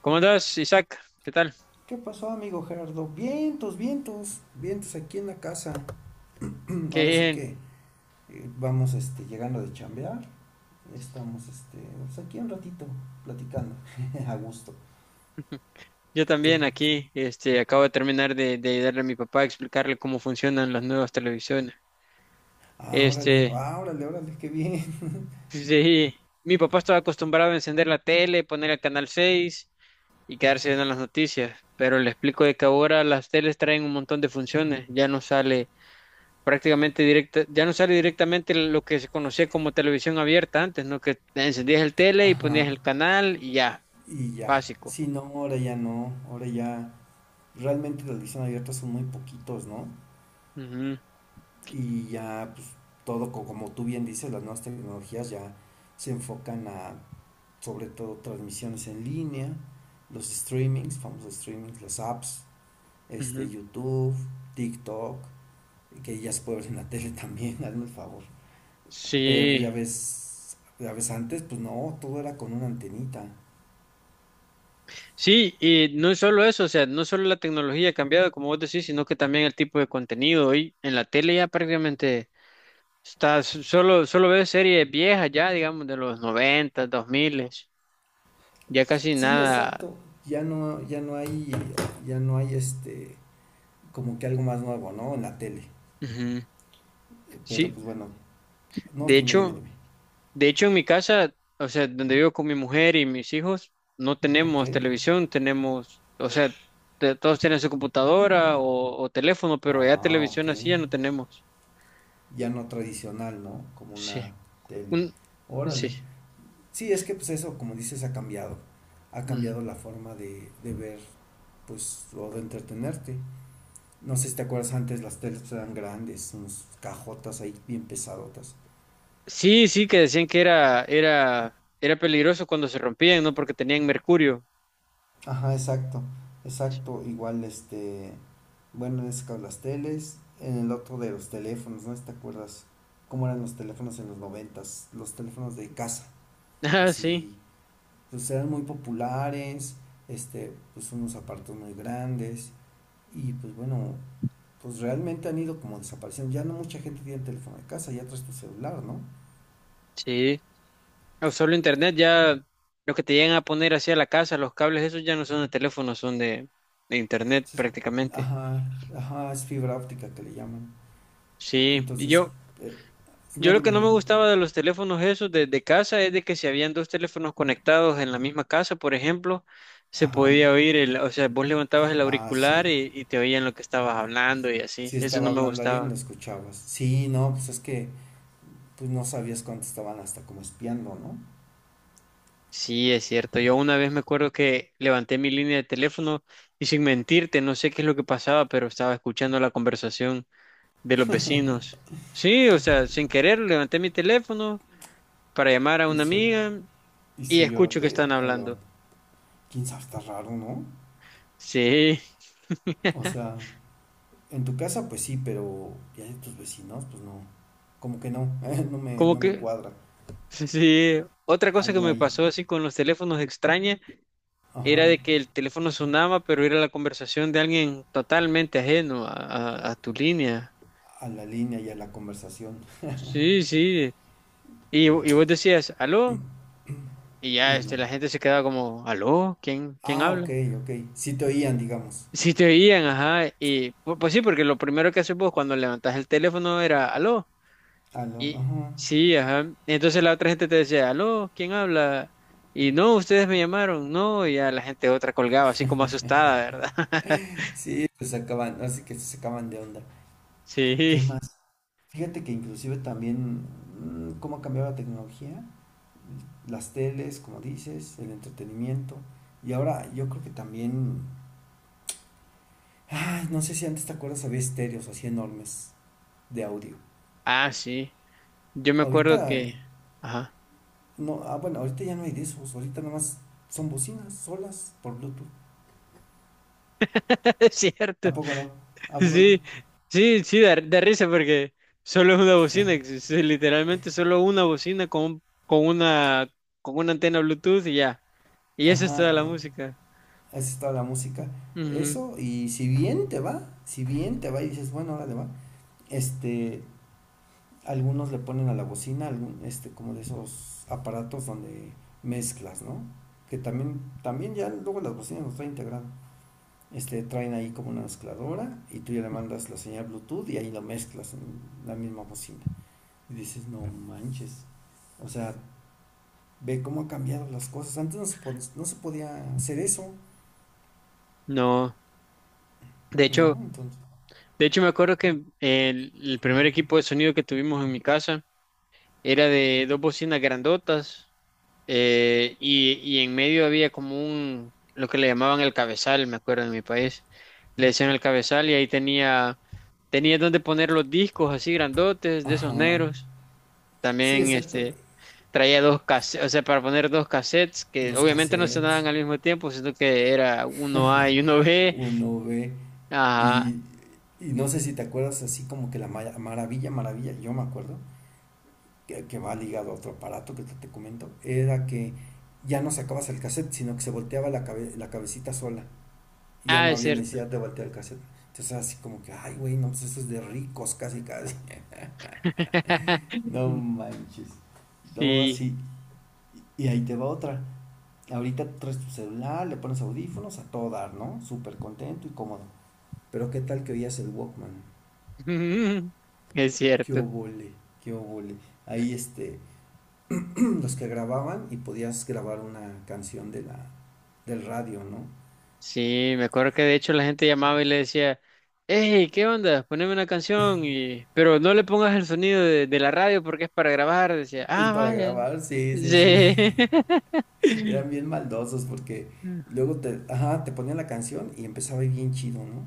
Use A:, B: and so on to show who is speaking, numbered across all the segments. A: ¿Cómo andas, Isaac? ¿Qué tal?
B: ¿Qué pasó, amigo Gerardo? Vientos, vientos, vientos aquí en la casa.
A: Qué
B: Ahora sí
A: bien.
B: que vamos llegando de chambear. Estamos pues, aquí un ratito platicando, a gusto.
A: Yo
B: Tú,
A: también aquí, acabo de terminar de ayudarle a mi papá a explicarle cómo funcionan las nuevas televisiones.
B: ah, órale,
A: Este,
B: ah, órale, órale, qué bien.
A: pues, sí, mi papá estaba acostumbrado a encender la tele, poner el canal 6 y quedarse viendo las noticias, pero le explico de que ahora las teles traen un montón de funciones, ya no sale prácticamente directa, ya no sale directamente lo que se conocía como televisión abierta antes, ¿no? Que encendías el tele y ponías
B: Ajá,
A: el canal y ya,
B: y ya.
A: básico.
B: Sí no, ahora ya no, ahora ya. Realmente las ediciones abiertas son muy poquitos, ¿no?
A: Ujú,
B: Y ya, pues todo, como tú bien dices, las nuevas tecnologías ya se enfocan a sobre todo transmisiones en línea, los streamings, famosos streamings, las apps,
A: ujú.
B: YouTube, TikTok, que ya se puede ver en la tele también, hazme el favor. Pero pues
A: Sí,
B: ya ves antes, pues no, todo era con una antenita.
A: sí, y no es solo eso, o sea, no solo la tecnología ha cambiado, como vos decís, sino que también el tipo de contenido. Hoy en la tele ya prácticamente solo ves series viejas ya, digamos, de los 90 dos 2000, ya casi
B: Sí,
A: nada.
B: exacto. Ya no, ya no hay este, como que algo más nuevo, ¿no? En la tele.
A: Ujú.
B: Pero
A: Sí,
B: pues bueno, no,
A: de
B: dime, dime,
A: hecho,
B: dime.
A: en mi casa, o sea, donde vivo con mi mujer y mis hijos, no
B: Ok.
A: tenemos televisión, tenemos, o sea, todos tienen su computadora o teléfono, pero ya
B: Ah, ok.
A: televisión así ya no tenemos.
B: Ya no tradicional, ¿no? Como
A: Sí.
B: una tele.
A: Un, sí.
B: Órale. Sí, es que pues eso, como dices, ha cambiado. Ha
A: Ujú.
B: cambiado la forma de ver, pues, o de entretenerte. No sé si te acuerdas antes, las teles eran grandes, unas cajotas ahí bien pesadotas.
A: Sí, sí, que decían que era peligroso cuando se rompían, ¿no? Porque tenían mercurio.
B: Ajá, exacto, exacto. Igual, bueno, en ese caso las teles, en el otro de los teléfonos, ¿no? Si ¿te acuerdas cómo eran los teléfonos en los noventas? Los teléfonos de casa,
A: Ah, sí,
B: así, pues eran muy populares, pues unos aparatos muy grandes y pues bueno, pues realmente han ido como desapareciendo. Ya no mucha gente tiene teléfono de casa, ya traes tu celular, ¿no?
A: sí. O solo internet, ya lo que te llegan a poner hacia la casa, los cables, esos ya no son de teléfono, son de internet
B: Entonces,
A: prácticamente.
B: ajá, ajá, es fibra óptica que le llaman.
A: Sí, y
B: Entonces,
A: yo,
B: eh,
A: Yo
B: no,
A: lo que
B: dime,
A: no me
B: dime.
A: gustaba de los teléfonos esos de casa es de que si habían dos teléfonos conectados en la misma casa, por ejemplo, se
B: Ajá.
A: podía oír el, o sea, vos levantabas el
B: Ah,
A: auricular
B: sí.
A: y te oían lo que estabas hablando y así.
B: Sí
A: Eso
B: estaba
A: no me
B: hablando alguien lo
A: gustaba.
B: escuchabas. Sí, no, pues es que pues no sabías cuánto estaban hasta como espiando, ¿no?
A: Sí, es cierto. Yo una vez me acuerdo que levanté mi línea de teléfono y sin mentirte, no sé qué es lo que pasaba, pero estaba escuchando la conversación de los vecinos. Sí, o sea, sin querer levanté mi teléfono para llamar a
B: Y
A: una
B: soy,
A: amiga
B: y
A: y
B: soy yo lo
A: escucho que
B: que
A: están
B: hablaban.
A: hablando.
B: ¿Quién sabe? Está raro, ¿no?
A: Sí.
B: O sea, en tu casa pues sí, pero ya de tus vecinos pues no. Como que no, no me,
A: Como
B: no me
A: que,
B: cuadra.
A: sí, sí, otra cosa que
B: Algo
A: me
B: ahí.
A: pasó así con los teléfonos extraña era
B: Ajá.
A: de que el teléfono sonaba, pero era la conversación de alguien totalmente ajeno a tu línea.
B: A la línea y a la conversación.
A: Sí, sí. Y y, vos decías, aló, y
B: Y
A: ya
B: no.
A: la gente se quedaba como, aló, ¿ quién
B: Ah, ok,
A: habla?
B: ok. Sí te oían, digamos.
A: Si te oían, ajá, y pues sí, porque lo primero que haces vos cuando levantás el teléfono era, aló.
B: Aló,
A: Y
B: ajá.
A: sí, ajá. Entonces la otra gente te decía, aló, ¿quién habla? Y no, ustedes me llamaron, no, y ya la gente otra colgaba, así como asustada, ¿verdad?
B: Sí, se sacaban, así que se sacaban de onda.
A: Sí,
B: ¿Qué más? Fíjate que inclusive también cómo ha cambiado la tecnología, las teles, como dices, el entretenimiento. Y ahora yo creo que también, ay, no sé si antes te acuerdas, había estéreos así enormes de audio.
A: ah, sí. Yo me acuerdo
B: Ahorita,
A: que, ajá,
B: no, ah, bueno, ahorita ya no hay de esos, ahorita nomás son bocinas solas por Bluetooth.
A: es cierto.
B: ¿A poco no? ¿A poco no?
A: Sí, sí, sí, da risa porque solo es una bocina, es literalmente solo una bocina con una antena Bluetooth y ya. Y eso es
B: Ajá,
A: toda la música.
B: esa es toda la música.
A: Ujú,
B: Eso, y si bien te va, si bien te va y dices, bueno, ahora le va, este, algunos le ponen a la bocina, algún, como de esos aparatos donde mezclas, ¿no? Que también, también ya luego las bocinas los traen integrado. Traen ahí como una mezcladora y tú ya le
A: ujú.
B: mandas la señal Bluetooth y ahí lo mezclas en la misma bocina. Y dices, no manches. O sea, ve cómo ha cambiado las cosas. Antes no se, no se podía hacer eso.
A: No, de
B: ¿No?
A: hecho.
B: Entonces,
A: De hecho, me acuerdo que el primer equipo de sonido que tuvimos en mi casa era de dos bocinas grandotas y en medio había como un, lo que le llamaban el cabezal, me acuerdo en mi país. Le decían el cabezal y ahí tenía donde poner los discos así grandotes de esos
B: ajá.
A: negros.
B: Sí,
A: También
B: exacto.
A: traía dos cassettes, o sea, para poner dos cassettes que
B: Los
A: obviamente no
B: cassettes,
A: sonaban al mismo tiempo, sino que era uno A y uno B.
B: uno ve,
A: Ajá.
B: y, y no sé si te acuerdas así como que la maravilla, yo me acuerdo, que va ligado a otro aparato que te comento, era que ya no sacabas el cassette, sino que se volteaba la, la cabecita sola, y ya
A: Ah,
B: no
A: es
B: había
A: cierto.
B: necesidad de voltear el cassette. Entonces así como que, ay, güey, no, pues eso es de ricos, casi, casi. No manches. No,
A: Sí,
B: sí. Y ahí te va otra. Ahorita traes tu celular, le pones audífonos a todo dar, ¿no? Súper contento y cómodo. Pero qué tal que oías el Walkman.
A: es
B: Qué
A: cierto.
B: obole, qué obole. Ahí los que grababan y podías grabar una canción de la, del radio, ¿no?
A: Sí, me acuerdo que de hecho la gente llamaba y le decía, hey, ¿qué onda? Poneme una canción, y... pero no le pongas el sonido de la radio porque es para grabar. Decía,
B: Pues
A: ah,
B: para
A: vaya.
B: grabar, sí, sí, sí.
A: Sí.
B: Eran bien maldosos porque luego te, ajá, te ponían la canción y empezaba bien chido, ¿no?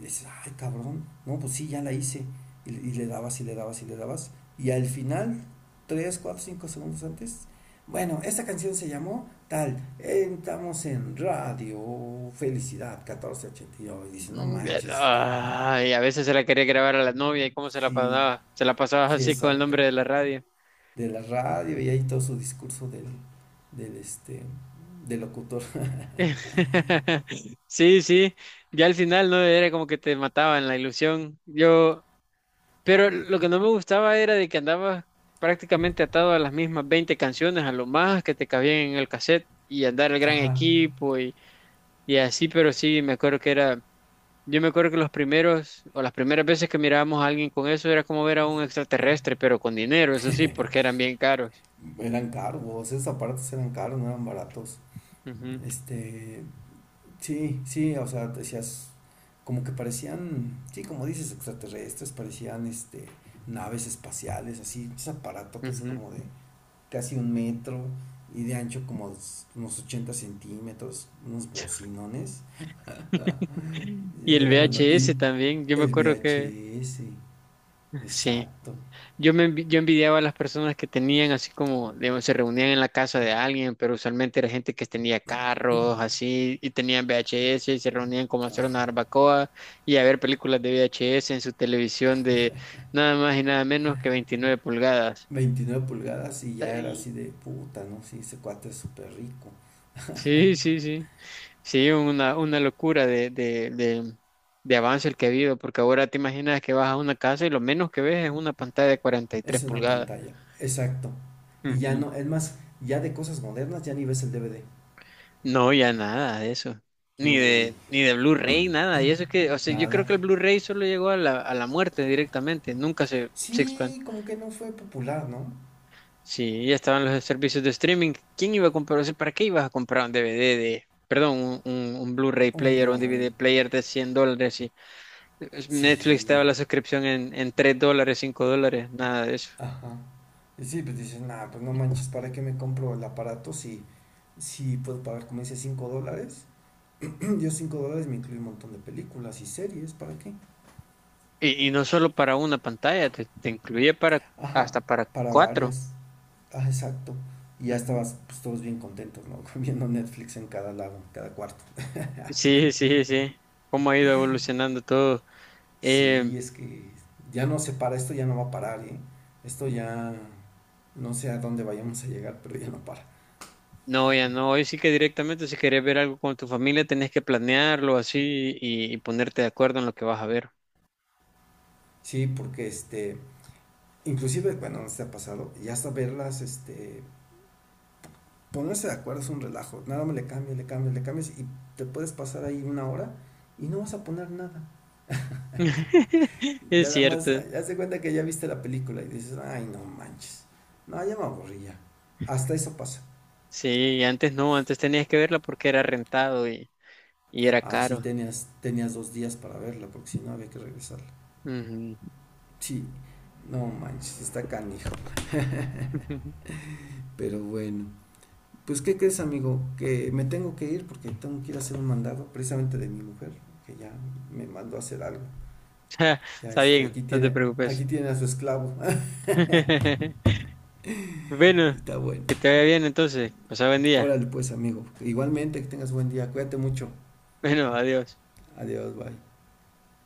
B: Y dices, ay, cabrón, no, pues sí, ya la hice. Y le dabas y le dabas y le dabas. Y al final, 3, 4, 5 segundos antes, bueno, esta canción se llamó tal, estamos en radio, felicidad, 1489. Y nueve. Y dices, no manches,
A: Ay, a veces se la quería grabar a la novia y cómo se la
B: sí,
A: pasaba. Se la pasaba
B: sí,
A: así con el
B: exacto.
A: nombre de la radio.
B: De la radio y ahí todo su discurso del, del, del locutor.
A: Sí, sí, ya al final no era como que te mataba en la ilusión. Pero lo que no me gustaba era de que andabas prácticamente atado a las mismas 20 canciones, a lo más que te cabían en el cassette y andar el gran
B: Ajá.
A: equipo y así, pero sí, me acuerdo que era, yo me acuerdo que los primeros o las primeras veces que mirábamos a alguien con eso era como ver a un extraterrestre, pero con dinero, eso sí, porque eran bien caros.
B: Eran caros, esos aparatos eran caros, no eran baratos. Este, Sí, sí, o sea, decías, como que parecían, sí, como dices, extraterrestres, parecían naves espaciales, así, esos aparatotes
A: Ujú,
B: como de
A: ujú.
B: casi un metro y de ancho como unos 80 centímetros, unos bocinones.
A: Y el
B: Era la y
A: VHS también, yo me
B: el
A: acuerdo que
B: VHS,
A: sí.
B: exacto,
A: Yo envidiaba a las personas que tenían así como, digamos, se reunían en la casa de alguien, pero usualmente era gente que tenía carros así y tenían VHS y se reunían como a hacer una barbacoa y a ver películas de VHS en su televisión de nada más y nada menos que 29 pulgadas.
B: 29 pulgadas y ya era
A: Ay,
B: así de puta, ¿no? Sí, ese cuate es súper rico.
A: sí, sí, sí. Sí, una locura de avance el que ha habido, porque ahora te imaginas que vas a una casa y lo menos que ves es una pantalla de 43
B: Es una
A: pulgadas.
B: pantalla, exacto. Y ya no, es más, ya de cosas modernas ya ni ves el DVD.
A: No, ya nada de eso.
B: ¿Qué
A: Ni
B: hubo, Lee?
A: de, ni de Blu-ray, nada. Y eso es que, o sea, yo creo
B: Nada.
A: que el Blu-ray solo llegó a a la muerte directamente. Nunca se expand-.
B: Sí, como que no fue popular, ¿no?
A: Sí, ya estaban los servicios de streaming. ¿Quién iba a comprar? O sea, ¿para qué ibas a comprar un DVD de, perdón, un Blu-ray
B: Un
A: player o un
B: Blu-ray.
A: DVD player de $100? Y Netflix te
B: Sí,
A: daba la suscripción en $3, $5, nada de eso.
B: ajá. Y sí, pues dices, nada, pues no manches, ¿para qué me compro el aparato si, si puedo pagar, como dice, $5? Yo $5 me incluye un montón de películas y series, ¿para qué?
A: Y y, no solo para una pantalla, te incluye para,
B: Ajá,
A: hasta para
B: para
A: cuatro.
B: varias. Ah, exacto. Y ya estabas, pues todos bien contentos, ¿no? Viendo Netflix en cada lado, en cada cuarto.
A: Sí, sí, sí. Cómo ha ido evolucionando todo. Eh,
B: Sí, es que ya no se para, esto ya no va a parar, ¿eh? Esto ya no sé a dónde vayamos a llegar, pero ya no para.
A: no, ya no. Hoy sí que directamente, si querés ver algo con tu familia, tenés que planearlo así y ponerte de acuerdo en lo que vas a ver.
B: Sí, porque inclusive, bueno, no se ha pasado, ya hasta verlas, ponerse de acuerdo es un relajo, nada más le cambias, le cambias, le cambias y te puedes pasar ahí una hora y no vas a poner nada.
A: Es
B: Nada más,
A: cierto.
B: haz de cuenta que ya viste la película y dices, ay, no manches, no, ya me aburrí ya. Hasta eso pasa.
A: Sí, antes no, antes tenías que verla porque era rentado y era
B: Ah, sí,
A: caro.
B: tenías, tenías 2 días para verla, porque si no había que regresarla.
A: Ujú.
B: Sí, no manches, está canijo. Pero bueno, pues ¿qué crees, amigo? Que me tengo que ir porque tengo que ir a hacer un mandado precisamente de mi mujer, que ya me mandó a hacer algo.
A: Ja,
B: Ya
A: está bien, no te preocupes.
B: aquí tiene a su esclavo.
A: Bueno,
B: Está bueno.
A: que te vaya bien entonces. Pasá buen día.
B: Órale pues, amigo. Igualmente, que tengas buen día. Cuídate mucho.
A: Bueno, adiós.
B: Adiós, bye.